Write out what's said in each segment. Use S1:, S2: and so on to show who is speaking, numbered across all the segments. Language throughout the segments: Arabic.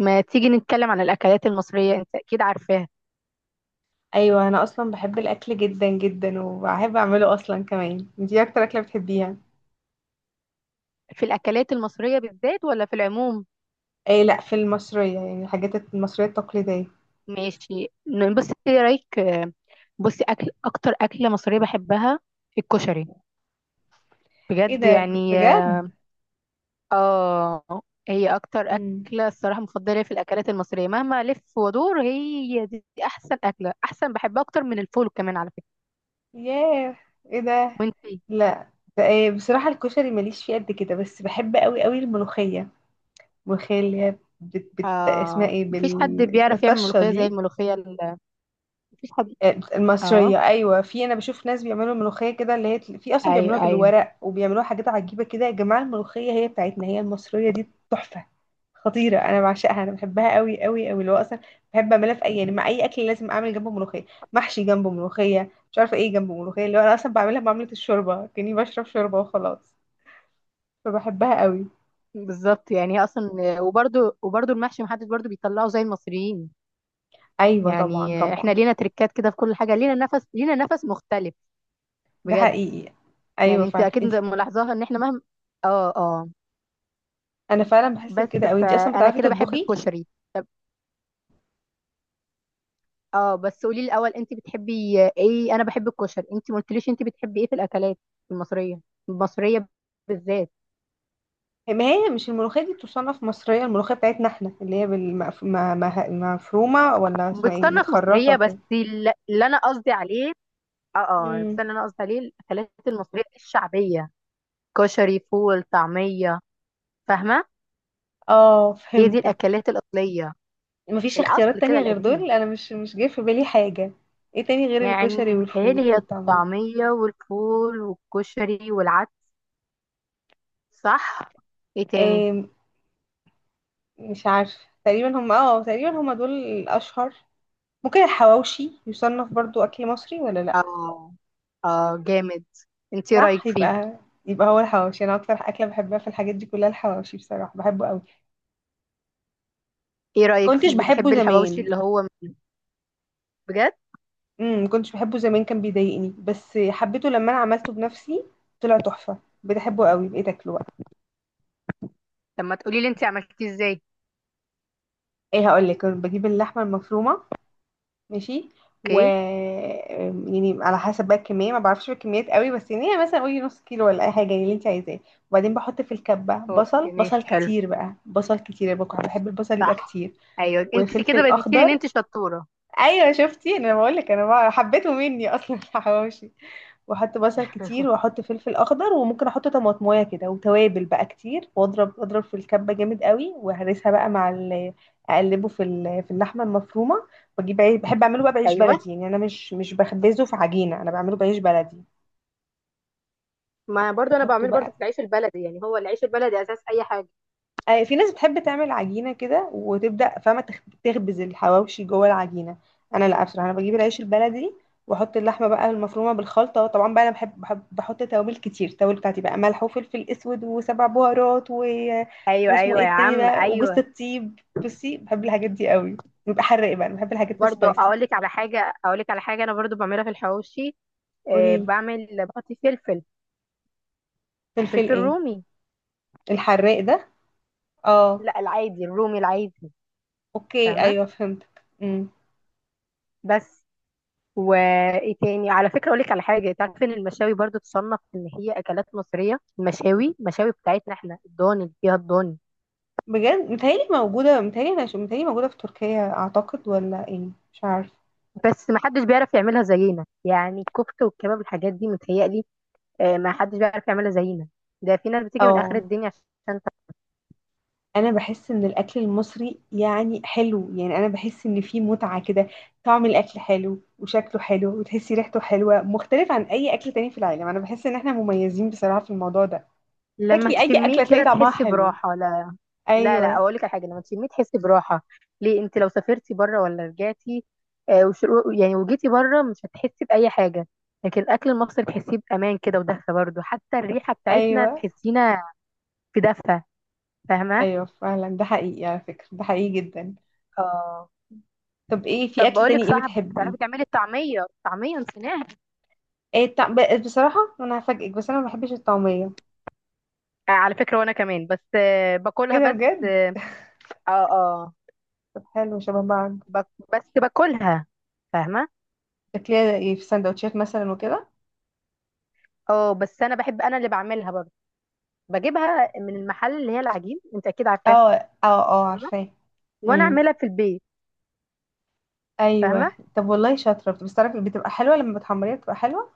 S1: ما تيجي نتكلم عن الأكلات المصرية؟ أنت أكيد عارفاها.
S2: ايوه، انا اصلا بحب الاكل جدا جدا وبحب اعمله اصلا كمان. انتي إيه اكتر اكله بتحبيها؟
S1: في الأكلات المصرية بالذات ولا في العموم؟
S2: ايه لا، في المصريه، يعني الحاجات المصريه التقليديه.
S1: ماشي. بصي، إيه رأيك. بصي، أكل أكتر أكلة مصرية بحبها الكشري،
S2: ايه
S1: بجد
S2: ده؟
S1: يعني.
S2: بجد؟
S1: آه، هي أكتر
S2: امم
S1: أكلة الصراحة مفضلة في الأكلات المصرية. مهما ألف وأدور، هي دي أحسن أكلة، أحسن. بحبها أكتر من الفول كمان على فكرة.
S2: ياه، ايه ده!
S1: وأنتي؟
S2: لا، ده إيه؟ بصراحه الكشري ماليش فيه قد كده، بس بحب قوي قوي الملوخيه. الملوخيه اللي هي اسمها
S1: آه،
S2: ايه؟
S1: مفيش حد
S2: بال اسمها
S1: بيعرف يعمل
S2: الطشه
S1: ملوخية زي
S2: دي.
S1: الملوخية مفيش حد. آه،
S2: المصرية أيوة. في أنا بشوف ناس بيعملوا ملوخية كده اللي هي في أصلا بيعملوها
S1: أيوه أيوه.
S2: بالورق وبيعملوها حاجات عجيبة كده. يا جماعة، الملوخية هي بتاعتنا، هي المصرية دي تحفة، خطيرة. أنا بعشقها، أنا بحبها قوي قوي قوي. اللي هو أصلا بحب أعملها في أي، يعني مع أي أكل لازم أعمل جنبه ملوخية. محشي جنبه ملوخية، مش عارفة إيه جنبه ملوخية. اللي هو أنا أصلا بعملها معاملة الشوربة، كأني بشرب شوربة وخلاص، فبحبها قوي.
S1: بالظبط، يعني هي اصلا، وبرده المحشي محدش برده بيطلعه زي المصريين.
S2: أيوة طبعا
S1: يعني احنا
S2: طبعا.
S1: لينا تريكات كده في كل حاجه، لينا نفس، لينا نفس مختلف،
S2: ده
S1: بجد.
S2: حقيقي. أيوة
S1: يعني انت
S2: فعلا.
S1: اكيد
S2: انت
S1: ملاحظاها ان احنا مهما. اه اه،
S2: أنا فعلا بحس بكده
S1: بس
S2: أوي. أنتي أصلا
S1: فانا
S2: بتعرفي
S1: كده بحب
S2: تطبخي؟
S1: الكشري. اه، بس قولي لي الاول، انت بتحبي ايه؟ انا بحب الكشري، انت ما قلتليش انت بتحبي ايه في الاكلات المصريه المصريه بالذات.
S2: ما هي مش الملوخية دي تصنف مصرية؟ الملوخية بتاعتنا احنا اللي هي بالمف... ما... ما... مفرومة، ولا اسمها ايه
S1: بتصنف
S2: متخرطة
S1: مصريه، بس
S2: كده.
S1: اللي انا قصدي عليه، اه اه، بس
S2: امم
S1: اللي انا قصدي عليه الاكلات المصريه الشعبيه: كشري، فول، طعمية، فاهمة؟
S2: اه
S1: هي دي
S2: فهمتك.
S1: الأكلات الأصلية،
S2: مفيش
S1: الأصل
S2: اختيارات
S1: كده
S2: تانية غير
S1: القديم.
S2: دول. انا مش جاي في بالي حاجة. ايه تاني غير
S1: يعني
S2: الكشري
S1: متهيألي
S2: والفول
S1: هي
S2: والطعمية؟
S1: الطعمية والفول والكشري والعدس، صح؟ ايه تاني؟
S2: إيه، مش عارفة. تقريبا هم، اه تقريبا هم دول الاشهر. ممكن الحواوشي يصنف برضو اكل مصري ولا لا؟
S1: اه اه، جامد. انت ايه رأيك
S2: صح.
S1: فيه؟
S2: يبقى يبقى هو الحواوشي. انا اكتر اكلة بحبها في الحاجات دي كلها الحواوشي، بصراحة بحبه قوي.
S1: ايه رأيك
S2: كنتش
S1: فيه؟
S2: بحبه
S1: بتحبي الحواوشي
S2: زمان.
S1: اللي هو، بجد؟
S2: ما كنتش بحبه زمان، كان بيضايقني، بس حبيته لما انا عملته بنفسي، طلع تحفه. بحبه قوي، بقيت اكله بقى.
S1: لما تقولي لي انت عملتيه ازاي.
S2: ايه، هقول لك. كنت بجيب اللحمه المفرومه، ماشي، و،
S1: اوكي،
S2: يعني على حسب بقى الكميه، ما بعرفش الكميات قوي، بس يعني هي مثلا قولي نص كيلو ولا اي حاجه، يعني اللي انت عايزاه. وبعدين بحط في الكبه بصل،
S1: اوكي، ماشي،
S2: بصل
S1: حلو،
S2: كتير بقى، بصل كتير بقى، بحب البصل يبقى
S1: صح.
S2: كتير.
S1: ايوه، انت
S2: وفلفل
S1: كده بتقولي ان
S2: اخضر.
S1: انت شطورة.
S2: ايوه شفتي، انا بقول لك. حبيته مني اصلا الحواوشي. واحط بصل كتير واحط فلفل اخضر، وممكن احط طماطمايه كده، وتوابل بقى كتير، واضرب في الكبه جامد قوي، وهرسها بقى مع اقلبه في في اللحمه المفرومه. بجيب عيش، بحب اعمله بقى بعيش
S1: ايوه،
S2: بلدي، يعني انا مش بخبزه في عجينه، انا بعمله بعيش بلدي.
S1: ما برضو انا
S2: بحطه
S1: بعمله برضو
S2: بقى.
S1: في العيش البلدي. يعني هو العيش البلدي اساس اي حاجة.
S2: آه، في ناس بتحب تعمل عجينة كده، وتبدأ فاهمة تخبز الحواوشي جوه العجينة. أنا لا، بصراحة أنا بجيب العيش البلدي، وأحط اللحمة بقى المفرومة بالخلطة. طبعا بقى أنا بحب بحط توابل كتير. التوابل بتاعتي بقى ملح وفلفل أسود وسبع بهارات و...
S1: ايوه
S2: واسمه
S1: ايوه
S2: إيه
S1: يا
S2: التاني
S1: عم،
S2: ده، وجوز
S1: ايوه.
S2: الطيب. بصي، بحب الحاجات دي قوي، بيبقى حراق بقى. أنا بحب الحاجات
S1: برضو
S2: السبايسي.
S1: اقول لك على حاجه، انا برضو بعملها في الحواوشي. آه،
S2: قوليلي،
S1: بحط فلفل.
S2: فلفل
S1: فلفل
S2: إيه؟
S1: رومي.
S2: الحراق ده؟ اه.
S1: لا، العادي، الرومي العادي،
S2: أوكي
S1: فاهمه.
S2: أيوه فهمتك. إمم.
S1: بس وايه تاني على فكره، اقول لك على حاجه، تعرف ان المشاوي برضو تصنف ان هي اكلات مصريه. المشاوي بتاعتنا احنا الضاني، اللي فيها الضاني.
S2: بجد؟ متهيألي موجودة، متهيألي أنا متهيألي موجودة في تركيا أعتقد، ولا إيه؟ مش عارف.
S1: بس ما حدش بيعرف يعملها زينا، يعني الكفته والكباب الحاجات دي، متهيألي. آه، ما حدش بيعرف يعملها زينا. ده في ناس بتيجي من اخر
S2: اه.
S1: الدنيا عشان.
S2: أنا بحس إن الأكل المصري يعني حلو، يعني أنا بحس إن فيه متعة كده. طعم الأكل حلو، وشكله حلو، وتحسي ريحته حلوة، مختلف عن أي أكل تاني في العالم. أنا بحس إن إحنا مميزين بصراحة في الموضوع ده.
S1: لما
S2: تاكلي أي
S1: تشميه
S2: أكلة تلاقي
S1: كده
S2: طعمها
S1: تحسي
S2: حلو.
S1: براحة؟ لا. لا لا
S2: أيوه
S1: اقول لك على حاجة، لما تشميه تحسي براحة. ليه؟ انت لو سافرتي بره ولا رجعتي، آه يعني وجيتي بره، مش هتحسي بأي حاجة. لكن الاكل المصري تحسيه بأمان كده، ودفى برضه. حتى الريحة بتاعتنا
S2: أيوه.
S1: تحسينا في دفى، فاهمة؟
S2: أيوه فعلا ده حقيقي، على فكرة ده حقيقي جدا.
S1: اه.
S2: طب إيه؟ في
S1: طب
S2: أكل
S1: بقول لك
S2: تاني إيه
S1: صاحب،
S2: بتحبيه؟
S1: بتعرفي تعملي الطعمية؟ الطعمية نسيناها.
S2: إيه التع- بصراحة أنا هفاجئك، بس أنا ما بحبش الطعمية.
S1: آه، على فكرة، وانا كمان، بس
S2: إيه
S1: باكلها
S2: ده،
S1: بس.
S2: بجد؟
S1: اه اه،
S2: طب حلو، شبه بعض.
S1: بك... بس باكلها، فاهمة.
S2: شكلها ايه في سندوتشات مثلا وكده.
S1: اه، بس انا بحب، انا اللي بعملها برضه. بجيبها من المحل، اللي هي العجين، انت اكيد عارفاها،
S2: اه اه اه
S1: فاهمه.
S2: عارفاه.
S1: وانا
S2: امم
S1: اعملها في البيت، فاهمه.
S2: ايوه، طب والله شاطره. بس تعرفي بتبقى حلوه لما بتحمريها، بتبقى حلوه.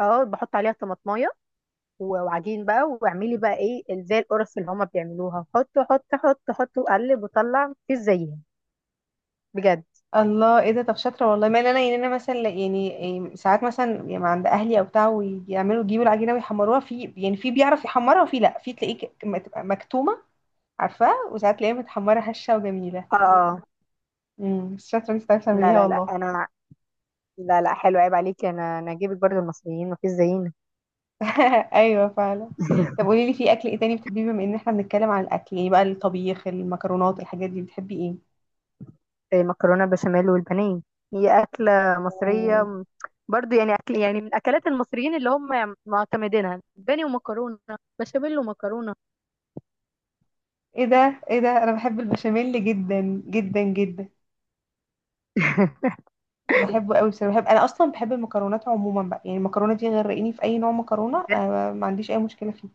S1: اه، بحط عليها طماطمايه وعجين بقى، واعملي بقى ايه زي القرص اللي هما بيعملوها، حط حط حط حط وقلب وطلع، مفيش زيها، بجد.
S2: الله، ايه ده؟ طب شاطره والله. ما انا يعني انا مثلا يعني إيه، ساعات مثلا يعني عند اهلي او بتاع، ويعملوا يجيبوا العجينه ويحمروها، في يعني في بيعرف يحمرها، وفي لا، في تلاقيه تبقى مكتومه، عارفاه، وساعات تلاقيها متحمره هشه وجميله.
S1: اه،
S2: بس شاطره انت، بتعرفي
S1: لا
S2: تعمليها
S1: لا لا،
S2: والله.
S1: انا لا لا، حلو، عيب عليكي، انا اجيبك برضو المصريين مفيش زينا.
S2: ايوه فعلا. طب قولي لي، في اكل ايه تاني بتحبيه؟ بما ان احنا بنتكلم عن الاكل، ايه بقى الطبيخ، المكرونات، الحاجات دي، بتحبي ايه؟
S1: مكرونه بشاميل والبانيه، هي اكله مصريه
S2: أوه.
S1: برضو، يعني اكل يعني من اكلات المصريين اللي هم معتمدينها: بانيه ومكرونه بشاميل ومكرونه،
S2: ايه ده، ايه ده، انا بحب البشاميل جدا جدا جدا. بحبه قوي بصراحه. بحب، انا اصلا بحب المكرونات عموما بقى، يعني المكرونه دي غرقيني في اي نوع مكرونه
S1: بجد.
S2: آه، ما عنديش اي مشكله فيه.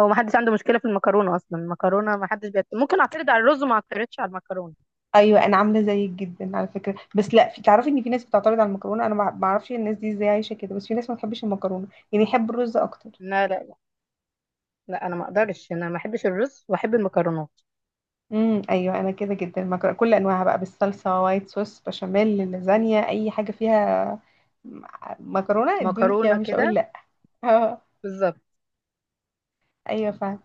S1: هو ما حدش عنده مشكله في المكرونه اصلا، المكرونه ما حدش ممكن اعترض على الرز وما اعترضش على المكرونه.
S2: ايوه انا عامله زيك جدا على فكره. بس لا، في تعرفي ان في ناس بتعترض على المكرونه، انا ما اعرفش الناس دي ازاي عايشه كده، بس في ناس ما بتحبش المكرونه، يعني يحب الرز اكتر.
S1: لا لا لا، انا ما اقدرش، انا ما احبش الرز واحب المكرونات.
S2: ايوه انا كده جدا. مكرونه، كل انواعها بقى، بالصلصه، وايت صوص، بشاميل، لازانيا، اي حاجه فيها، م- مكرونه، ادوني فيها
S1: مكرونه
S2: مش هقول
S1: كده،
S2: لا اه.
S1: بالظبط.
S2: ايوه فاهم.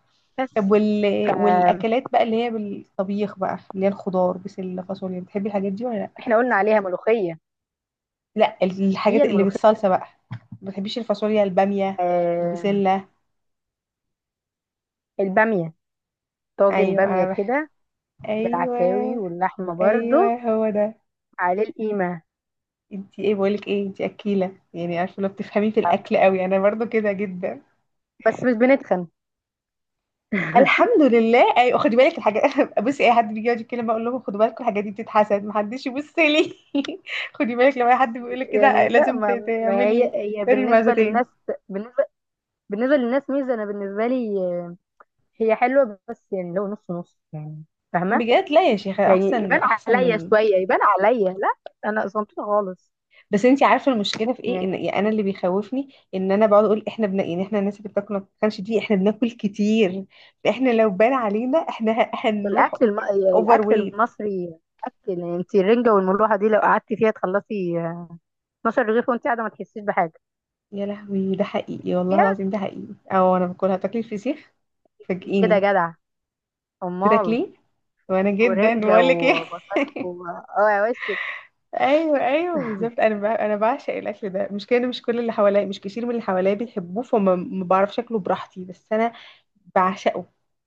S2: طب
S1: بس ف-
S2: والاكلات بقى اللي هي بالطبيخ بقى، اللي هي الخضار، بسله، فاصوليا، بتحبي الحاجات دي ولا لا؟
S1: احنا قلنا عليها ملوخيه،
S2: لا
S1: هي
S2: الحاجات اللي
S1: الملوخيه.
S2: بالصلصه بقى. ما بتحبيش الفاصوليا، الباميه،
S1: آه،
S2: البسله؟
S1: الباميه، طاجن
S2: ايوه
S1: باميه
S2: انا بح...
S1: كده،
S2: ايوه
S1: بالعكاوي واللحمه برضو،
S2: ايوه هو ده.
S1: عليه القيمه.
S2: انتي ايه بقولك ايه، انتي اكيله يعني، عارفه لو بتفهمي في الاكل قوي؟ انا برضو كده جدا.
S1: بس مش بنتخن.
S2: الحمد لله. ايوه، خدي بالك الحاجات بصي، اي حد بيجي يقعد يتكلم بقول لهم خدوا بالكم، الحاجات دي بتتحسد، محدش يبص لي. خدي بالك، لو اي حد بيقول لك كده
S1: يعني لا،
S2: لازم
S1: ما هي،
S2: تعملي
S1: هي
S2: اري
S1: بالنسبه
S2: معزتين.
S1: للناس، بالنسبه بالنسبه للناس ميزه. انا بالنسبه لي هي حلوه، بس يعني لو نص نص يعني، فاهمه.
S2: بجد لا يا شيخه،
S1: يعني
S2: احسن
S1: يبان
S2: احسن
S1: عليا
S2: من.
S1: شويه، يبان عليا لا، انا صمتوطه خالص.
S2: بس انتي عارفه المشكله في ايه؟ ان
S1: يعني
S2: يعني انا اللي بيخوفني ان انا بقعد اقول احنا بنا، يعني احنا الناس اللي بتاكل ما بتتخنش دي احنا بناكل كتير، فاحنا لو بان علينا احنا هنروح
S1: الاكل الم...
S2: اوفر
S1: الاكل
S2: ويت.
S1: المصري اكل. يعني انت الرنجه والملوحه دي لو قعدتي فيها تخلصي 12 رغيف وانت قاعده ما تحسيش بحاجه
S2: يا لهوي، ده حقيقي والله
S1: فيها،
S2: العظيم، ده حقيقي. او انا باكلها. تاكلي الفسيخ؟
S1: كده
S2: فاجئيني.
S1: جدع، امال.
S2: بتاكليه؟ وانا جدا،
S1: ورنجه
S2: بقول لك ايه.
S1: وبطارخ و... اه يا وشك.
S2: ايوه ايوه بالظبط. انا انا بعشق الاكل ده. مش كده، مش كل اللي حواليا، مش كتير من اللي حواليا بيحبوه، فما ما بعرفش اكله براحتي، بس انا بعشقه.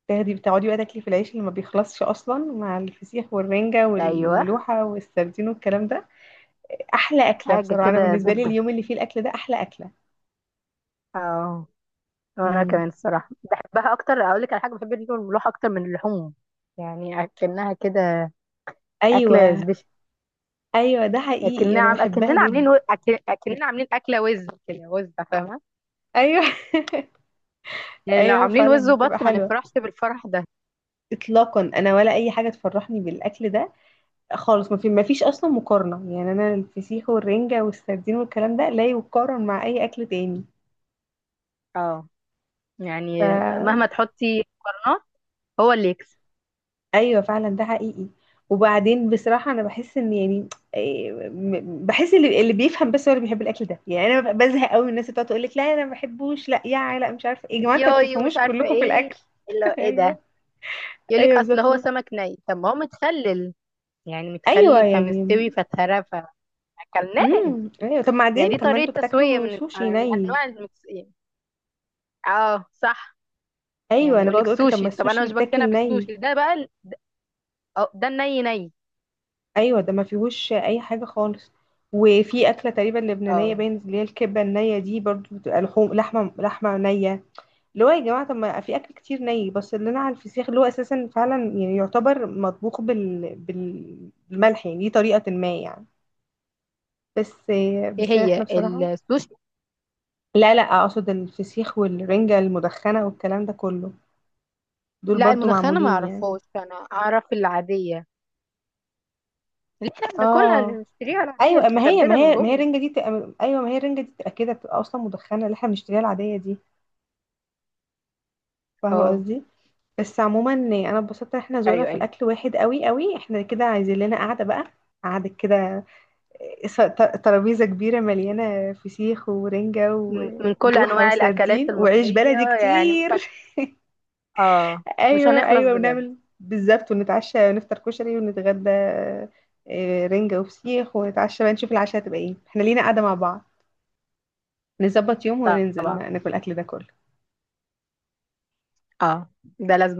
S2: تاخدي بتقعدي بقى تاكلي في العيش اللي ما بيخلصش اصلا، مع الفسيخ والرنجه
S1: ايوه،
S2: والملوحه والسردين والكلام ده. احلى اكله
S1: حاجه
S2: بصراحه. انا
S1: كده
S2: بالنسبه لي
S1: زبده.
S2: اليوم اللي فيه الاكل ده احلى اكله.
S1: اه، وانا
S2: امم
S1: كمان الصراحه بحبها اكتر. اقول لك على حاجه، بحب الرنجه والملوحه اكتر من اللحوم، يعني اكنها كده اكله
S2: ايوه.
S1: سبيشال.
S2: ايوه ده حقيقي،
S1: اكننا
S2: انا
S1: عم
S2: بحبها
S1: اكننا عاملين
S2: جدا.
S1: اكننا عاملين اكله وز كده، وز، فاهمه.
S2: ايوه
S1: يعني لو
S2: ايوه
S1: عاملين وز
S2: فعلا بتبقى
S1: وبط ما
S2: حلوه.
S1: نفرحش بالفرح ده،
S2: اطلاقا، انا ولا اي حاجه تفرحني بالاكل ده خالص. ما في، ما فيش اصلا مقارنه يعني. انا الفسيخ والرنجه والسردين والكلام ده لا يقارن مع اي اكل تاني.
S1: اه.
S2: ف
S1: يعني مهما تحطي مقارنات، هو اللي يكسب.
S2: ايوه فعلا ده حقيقي. وبعدين بصراحه انا بحس ان يعني إيه، بحس اللي بيفهم بس هو اللي بيحب الاكل ده. يعني انا ببقى بزهق قوي من الناس اللي بتقعد تقول لك لا انا ما بحبوش، لا يا، لا مش عارفه إيه. يا جماعه انتوا ما
S1: ياي، ومش
S2: بتفهموش
S1: عارفه
S2: كلكم في
S1: ايه،
S2: الاكل.
S1: اللي ايه ده.
S2: ايوه
S1: يقول
S2: ايوه
S1: لك اصل هو
S2: بالظبط.
S1: سمك ني، طب ما هو متخلل، يعني
S2: ايوه
S1: متخلل
S2: يعني.
S1: فمستوي فتهرى، فاكلناه.
S2: ايوه. طب
S1: يعني
S2: بعدين
S1: دي
S2: طب ما
S1: طريقه
S2: انتوا
S1: تسويه
S2: بتاكلوا
S1: من
S2: سوشي
S1: من
S2: ني؟
S1: انواع اه صح.
S2: ايوه
S1: يعني
S2: انا
S1: يقول
S2: بقعد
S1: لك
S2: اقول كده، طب ما
S1: سوشي، طب
S2: السوشي
S1: انا مش بقتنع
S2: بيتاكل ني.
S1: بالسوشي ده بقى أه، ده الني ني.
S2: ايوه ده ما فيهوش اي حاجه خالص. وفي اكله تقريبا لبنانيه
S1: اه،
S2: باين، اللي هي الكبه النيه دي برضو، بتبقى لحوم، لحمه نيه، اللي هو يا جماعه طب ما في اكل كتير ني. بس اللي انا على الفسيخ اللي هو اساسا فعلا يعني يعتبر مطبوخ بالملح، يعني دي طريقه ما يعني. بس
S1: ايه
S2: احنا
S1: هي
S2: بصراحه،
S1: السوشي.
S2: لا لا، اقصد الفسيخ والرنجه المدخنه والكلام ده كله دول
S1: لا،
S2: برضو
S1: المدخنه ما
S2: معمولين يعني.
S1: اعرفهاش، انا اعرف العاديه اللي احنا بناكلها، اللي
S2: اه
S1: بنشتريها العاديه اللي
S2: ايوه. ما هي ما
S1: مزبده من
S2: هي ما هي
S1: جوه،
S2: الرنجه دي تبقى، ايوه ما هي الرنجه دي تبقى كده بتبقى اصلا مدخنه، اللي احنا بنشتريها العاديه دي. فاهمه
S1: اه.
S2: قصدي. بس عموما انا اتبسطت ان احنا ذوقنا
S1: ايوه
S2: في
S1: ايوه،
S2: الاكل واحد قوي قوي. احنا كده عايزين لنا قعده بقى. قعده كده، إيه، ترابيزه كبيره مليانه فسيخ ورنجه
S1: من كل
S2: وروحه
S1: انواع الاكلات
S2: وسردين وعيش
S1: المصريه،
S2: بلدي
S1: يعني مش هن...
S2: كتير.
S1: اه، مش
S2: ايوه
S1: هنخلص
S2: ايوه
S1: بجد.
S2: ونعمل بالظبط ونتعشى ونفطر كشري ونتغدى، آه، رنجه وفسيخ، ونتعشى بقى نشوف العشاء هتبقى ايه. احنا لينا قعده مع بعض، نظبط يوم وننزل
S1: طبعا،
S2: ناكل الأكل ده كله.
S1: اه، ده لازم.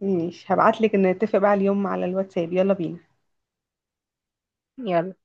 S2: ماشي، هبعتلك نتفق بقى اليوم على الواتساب. يلا بينا.
S1: يلا.